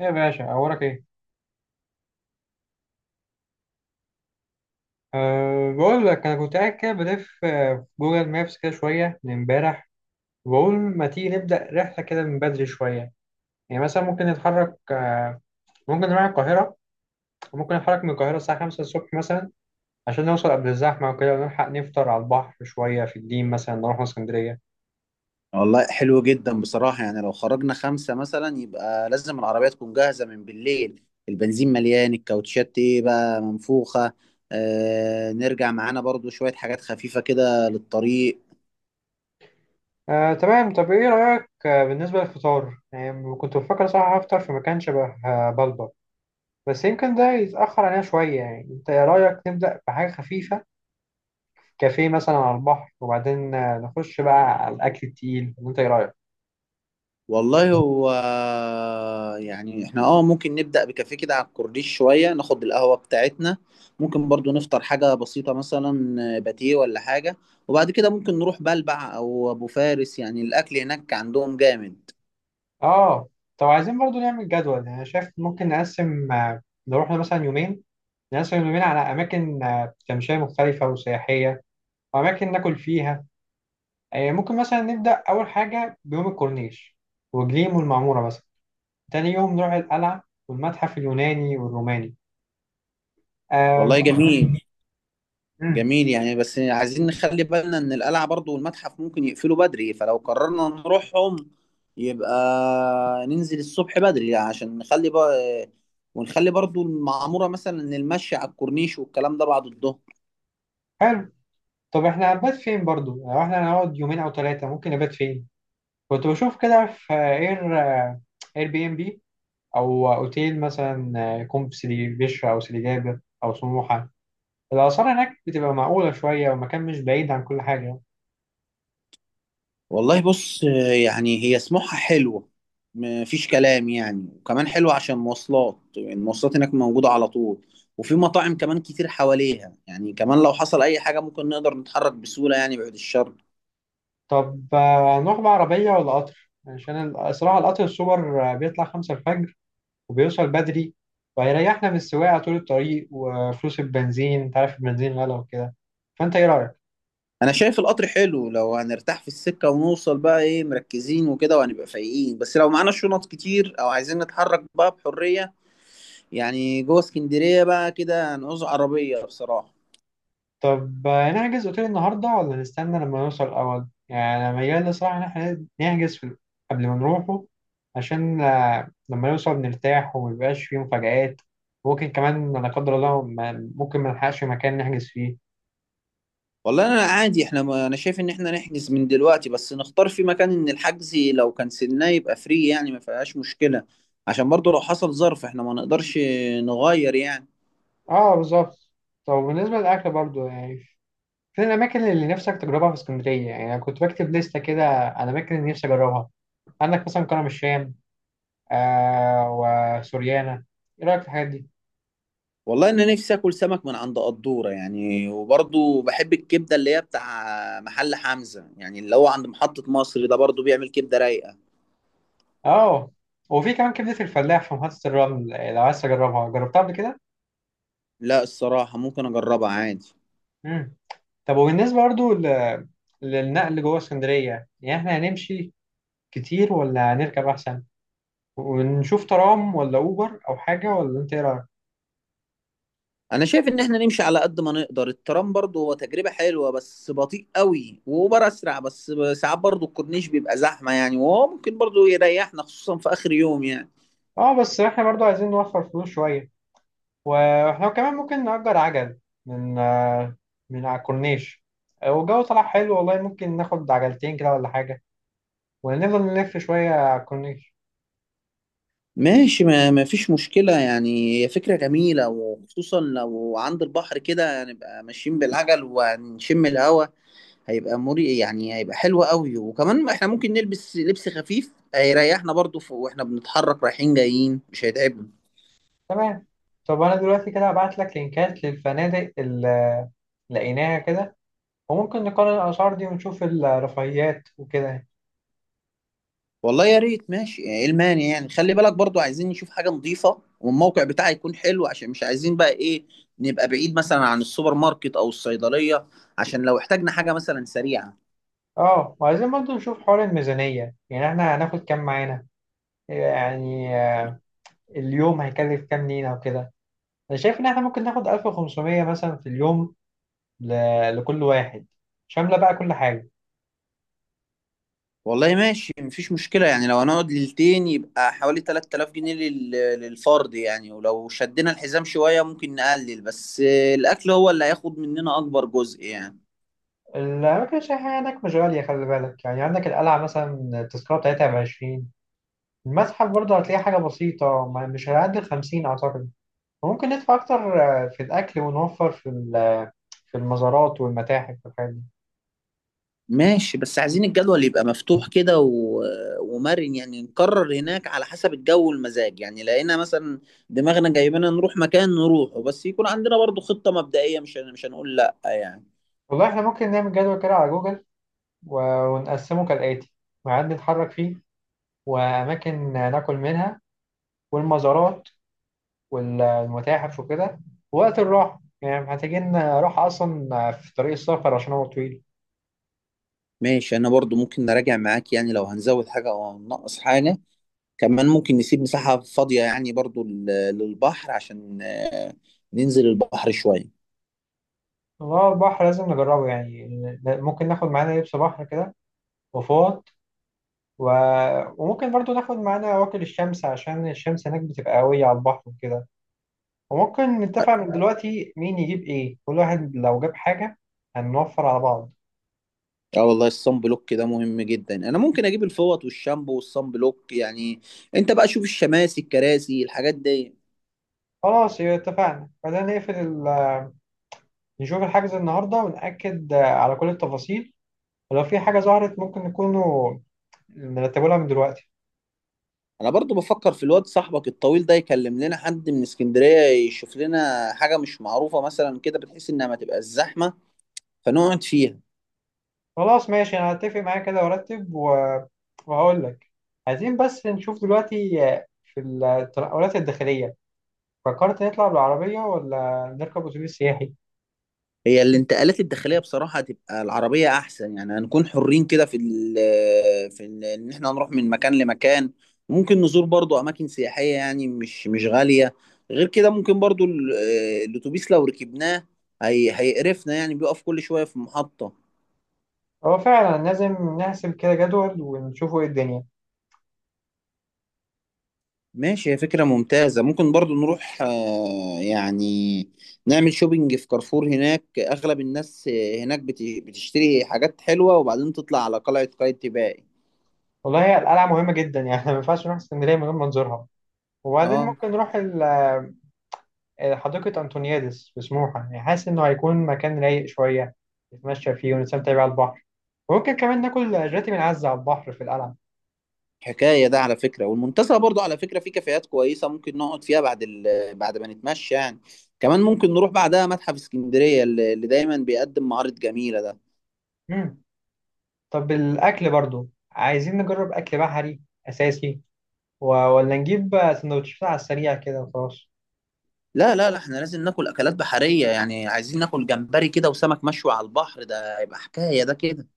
يا باشا أخبارك إيه؟ أه بقول لك أنا كنت قاعد كده بلف في جوجل مابس كده شوية من إمبارح، وبقول ما تيجي نبدأ رحلة كده من بدري شوية. يعني مثلا ممكن نتحرك ممكن نروح القاهرة، وممكن نتحرك من القاهرة الساعة 5 الصبح مثلا عشان نوصل قبل الزحمة وكده، ونلحق نفطر على البحر شوية في الدين مثلا نروح اسكندرية. والله حلو جدا بصراحة، يعني لو خرجنا خمسة مثلا يبقى لازم العربية تكون جاهزة من بالليل. البنزين مليان، الكاوتشات ايه بقى منفوخة. آه، نرجع معانا برضو شوية حاجات خفيفة كده للطريق. أه تمام، طب إيه رأيك بالنسبة للفطار؟ يعني كنت بفكر صراحة أفطر في مكان شبه بلبر، بس يمكن ده يتأخر علينا شوية، يعني أنت إيه رأيك نبدأ بحاجة خفيفة؟ كافيه مثلا على البحر وبعدين نخش بقى على الاكل التقيل، وانت ايه رايك؟ والله هو، يعني احنا ممكن نبدأ بكافيه كده على الكورنيش، شوية ناخد القهوة بتاعتنا. ممكن برضو نفطر حاجة بسيطة مثلا، باتيه ولا حاجة. وبعد كده ممكن نروح بلبع أو أبو فارس، يعني الأكل هناك عندهم جامد. اه، طب عايزين برضو نعمل جدول، يعني انا شايف ممكن نقسم، نروح مثلا يومين، نقسم اليومين على اماكن تمشيه مختلفه وسياحيه، واماكن ناكل فيها. ممكن مثلا نبدا اول حاجه بيوم الكورنيش وجليم والمعموره مثلا، تاني يوم نروح القلعه والمتحف اليوناني والروماني. آم، والله جميل. مم، جميل يعني، بس عايزين نخلي بالنا ان القلعة برضو والمتحف ممكن يقفلوا بدري، فلو قررنا نروحهم يبقى ننزل الصبح بدري عشان نخلي بقى. ونخلي برضو المعمورة مثلا، ان المشي على الكورنيش والكلام ده بعد الظهر. حلو. طب احنا هنبات فين برضو؟ يعني لو احنا هنقعد يومين او ثلاثه ممكن نبات فين؟ كنت بشوف كده في اير، اير بي ام بي، او اوتيل مثلا، يكون في سيدي بشر او سيدي جابر او سموحه، الاسعار هناك بتبقى معقوله شويه والمكان مش بعيد عن كل حاجه. والله بص، يعني هي سموحة حلوة، مفيش كلام، يعني وكمان حلوة عشان مواصلات، يعني المواصلات هناك موجودة على طول. وفي مطاعم كمان كتير حواليها، يعني كمان لو حصل اي حاجة ممكن نقدر نتحرك بسهولة، يعني بعد الشر. طب نروح بعربيه ولا قطر؟ عشان الصراحه القطر السوبر بيطلع خمسة الفجر وبيوصل بدري، وهيريحنا من السواقه طول الطريق وفلوس البنزين، انت عارف البنزين غلا وكده، فانت ايه رايك؟ انا شايف القطر حلو لو هنرتاح في السكة ونوصل بقى ايه مركزين وكده، وهنبقى فايقين، بس لو معانا شنط كتير او عايزين نتحرك بقى بحرية، يعني جوه اسكندرية بقى كده هنعوز عربية بصراحة. طب نحجز اوتيل النهارده ولا نستنى لما نوصل الاول؟ يعني انا ميال الصراحه ان احنا نحجز في قبل ما نروحه، عشان لما نوصل نرتاح وميبقاش فيه مفاجآت، ممكن كمان لا قدر الله ممكن ما نلحقش مكان نحجز فيه. والله انا عادي، احنا ما، انا شايف ان احنا نحجز من دلوقتي، بس نختار في مكان ان الحجز لو كنسلناه يبقى فري، يعني ما فيهاش مشكلة، عشان برضو لو حصل ظرف احنا ما نقدرش نغير يعني. اه بالظبط. طب بالنسبه للاكل برضو، يعني فين الاماكن اللي نفسك تجربها في اسكندريه؟ يعني انا كنت بكتب لسته كده على الاماكن اللي نفسي اجربها، عندك مثلا كرم الشام، آه، وسوريانا، ايه رايك في الحاجات دي؟ والله انا نفسي اكل سمك من عند قدوره، يعني وبرضو بحب الكبده اللي هي بتاع محل حمزه، يعني اللي هو عند محطه مصر ده برضو بيعمل كبده رايقه. اه، وفي كمان كبدة الفلاح في محطة الرمل، لو عايز تجربها، جربتها قبل كده؟ لا، الصراحه ممكن اجربها عادي. مم. طب وبالنسبة برضو للنقل جوه اسكندرية، يعني احنا هنمشي كتير ولا هنركب أحسن؟ ونشوف ترام ولا أوبر أو حاجة، ولا أنت إيه رأيك؟ انا شايف ان احنا نمشي على قد ما نقدر، الترام برضو هو تجربه حلوه بس بطيء قوي، واوبر اسرع، بس ساعات برضو الكورنيش بيبقى زحمه، يعني وهو ممكن برضو يريحنا خصوصا في اخر يوم يعني. اه، بس احنا برضو عايزين نوفر فلوس شوية، واحنا كمان ممكن نأجر عجل من من على الكورنيش، والجو طلع حلو والله، ممكن ناخد عجلتين كده ولا حاجة ونفضل نلف شوية على الكورنيش. ماشي، ما فيش مشكلة، يعني هي فكرة جميلة وخصوصا لو عند البحر كده، هنبقى ماشيين بالعجل وهنشم الهوا، هيبقى مري، يعني هيبقى حلو قوي. وكمان احنا ممكن نلبس لبس خفيف هيريحنا برضو، واحنا بنتحرك رايحين جايين مش هيتعبنا. تمام. طب انا دلوقتي كده هبعت لك لينكات للفنادق اللي لقيناها كده، وممكن نقارن الاسعار دي ونشوف الرفاهيات وكده. والله يا ريت، ماشي ايه المانع، يعني خلي بالك برضو عايزين نشوف حاجة نظيفة والموقع بتاعي يكون حلو، عشان مش عايزين بقى ايه، نبقى بعيد مثلا عن السوبر ماركت او الصيدلية، عشان لو احتاجنا حاجة مثلا سريعة. اه، وعايزين برضه نشوف حوار الميزانية، يعني احنا هناخد كام معانا؟ يعني اليوم هيكلف كام لينا وكده؟ انا شايف ان احنا ممكن ناخد 1500 مثلا في اليوم، ل... لكل واحد، شاملة بقى كل حاجة. والله ماشي، مفيش مشكلة، يعني لو هنقعد ليلتين يبقى حوالي 3000 جنيه للفرد، يعني ولو شدينا الحزام شوية ممكن نقلل، بس الأكل هو اللي هياخد مننا أكبر جزء يعني. الأماكن السياحية هناك مش غالية، خلي بالك يعني، عندك القلعة مثلا التذكرة بتاعتها بـ20، المتحف برضه هتلاقي حاجة بسيطة مش هيعدي الـ50 أعتقد. ممكن ندفع أكتر في الأكل ونوفر في في المزارات والمتاحف والحاجات دي. ماشي، بس عايزين الجدول يبقى مفتوح كده ومرن، يعني نقرر هناك على حسب الجو والمزاج، يعني لقينا مثلا دماغنا جايبنا نروح مكان نروحه، بس يكون عندنا برضو خطة مبدئية، مش هنقول لأ يعني. والله إحنا ممكن نعمل جدول كده على جوجل ونقسمه كالآتي: ميعاد نتحرك فيه، وأماكن ناكل منها، والمزارات والمتاحف وكده، ووقت الراحة، يعني محتاجين راحة أصلا في طريق السفر عشان هو طويل. ماشي، أنا برضو ممكن نراجع معاك، يعني لو هنزود حاجة أو هننقص حاجة. كمان ممكن نسيب مساحة فاضية يعني، برضو للبحر، عشان ننزل البحر شوية. والله البحر لازم نجربه يعني، ممكن ناخد معانا لبس بحر كده وفوط و... وممكن برضو ناخد معانا واكل الشمس، عشان الشمس هناك بتبقى قوية على البحر وكده. وممكن نتفق من دلوقتي مين يجيب ايه، كل واحد لو جاب حاجة هنوفر على بعض. اه والله الصن بلوك ده مهم جدا، انا ممكن اجيب الفوط والشامبو والصن بلوك يعني. انت بقى شوف الشماسي، الكراسي، الحاجات دي. خلاص يبقى اتفقنا، خلينا نقفل ال... نشوف الحجز النهاردة ونأكد على كل التفاصيل، ولو في حاجة ظهرت ممكن نكونوا نرتبوا لها من دلوقتي. انا برضو بفكر في الواد صاحبك الطويل ده يكلم لنا حد من اسكندرية، يشوف لنا حاجة مش معروفة مثلا كده بتحس انها ما تبقى الزحمة فنقعد فيها. خلاص ماشي، انا هتفق معايا كده وارتب و... وهقول لك. عايزين بس نشوف دلوقتي في التنقلات الداخلية، فكرت نطلع بالعربية ولا نركب أتوبيس سياحي؟ هي الانتقالات الداخليه بصراحه هتبقى العربيه احسن، يعني هنكون حرين كده في ال في ال ان احنا نروح من مكان لمكان. ممكن نزور برضو اماكن سياحيه، يعني مش غاليه. غير كده ممكن برضو الاتوبيس لو ركبناه هيقرفنا، يعني بيقف كل شويه في محطه. هو فعلا لازم نحسب كده جدول ونشوفوا إيه الدنيا. ماشي، هي فكره ممتازه، ممكن برضو نروح، يعني نعمل شوبينج في كارفور، هناك اغلب الناس، هناك بتشتري حاجات حلوه، وبعدين تطلع على قلعه قايتباي. والله هي القلعة مهمة جدا يعني ما ينفعش نروح اسكندرية من غير ما نزورها، وبعدين اه ممكن نروح حديقة أنطونيادس في سموحة، يعني حاسس إنه هيكون مكان رايق شوية نتمشى فيه ونستمتع بيه على البحر، وممكن كمان ناكل جاتي من عزة على البحر في القلعة. حكاية ده على فكرة، والمنتزه برضو على فكرة في كافيهات كويسة ممكن نقعد فيها بعد بعد ما نتمشى يعني. كمان ممكن نروح بعدها متحف اسكندرية اللي دايما بيقدم معارض جميلة ده. مم. طب الأكل برضو عايزين نجرب أكل بحري أساسي و- ولا نجيب سندوتشات على السريع كده وخلاص؟ لا لا لا، احنا لازم ناكل أكلات بحرية، يعني عايزين ناكل جمبري كده وسمك مشوي على البحر، ده هيبقى حكاية ده كده.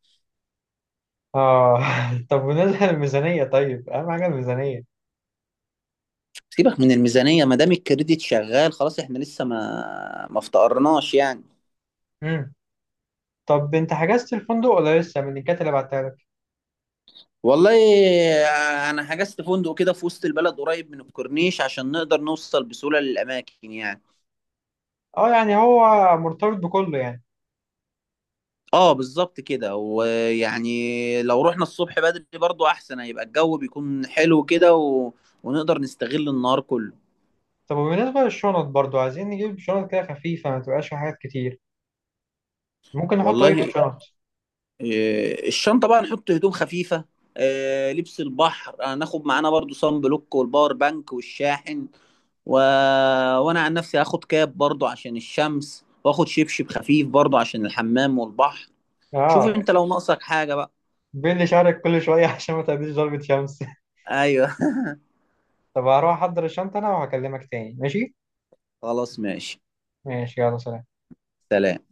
اه طب بالنسبة للميزانية، طيب أهم حاجة الميزانية. سيبك من الميزانية، ما دام الكريديت شغال خلاص، احنا لسه ما افتقرناش يعني. مم. طب أنت حجزت الفندق ولا لسه من الكات اللي بعتها لك؟ والله أنا حجزت فندق كده في وسط البلد قريب من الكورنيش عشان نقدر نوصل بسهولة للأماكن يعني. أه يعني هو مرتبط بكله يعني. اه بالظبط كده، ويعني لو رحنا الصبح بدري برضو احسن، هيبقى الجو بيكون حلو كده ونقدر نستغل النهار كله. طب وبالنسبة للشنط برضو، عايزين نجيب شنط كده خفيفة ما تبقاش فيها حاجات كتير، ممكن نحط إيه في والله الشنط؟ إيه، الشنطة بقى نحط هدوم خفيفة. إيه، لبس البحر هناخد معانا برضو صن بلوك والباور بانك والشاحن و... وانا عن نفسي هاخد كاب برضو عشان الشمس، واخد شبشب خفيف برضو عشان الحمام والبحر. شوف أه انت لو ناقصك حاجة بقى. بين شعرك كل شوية عشان ما تقابليش ضربة شمس. ايوه طب هروح أحضر الشنطة أنا وهكلمك تاني، ماشي؟ خلاص ماشي، ماشي يلا سلام. سلام.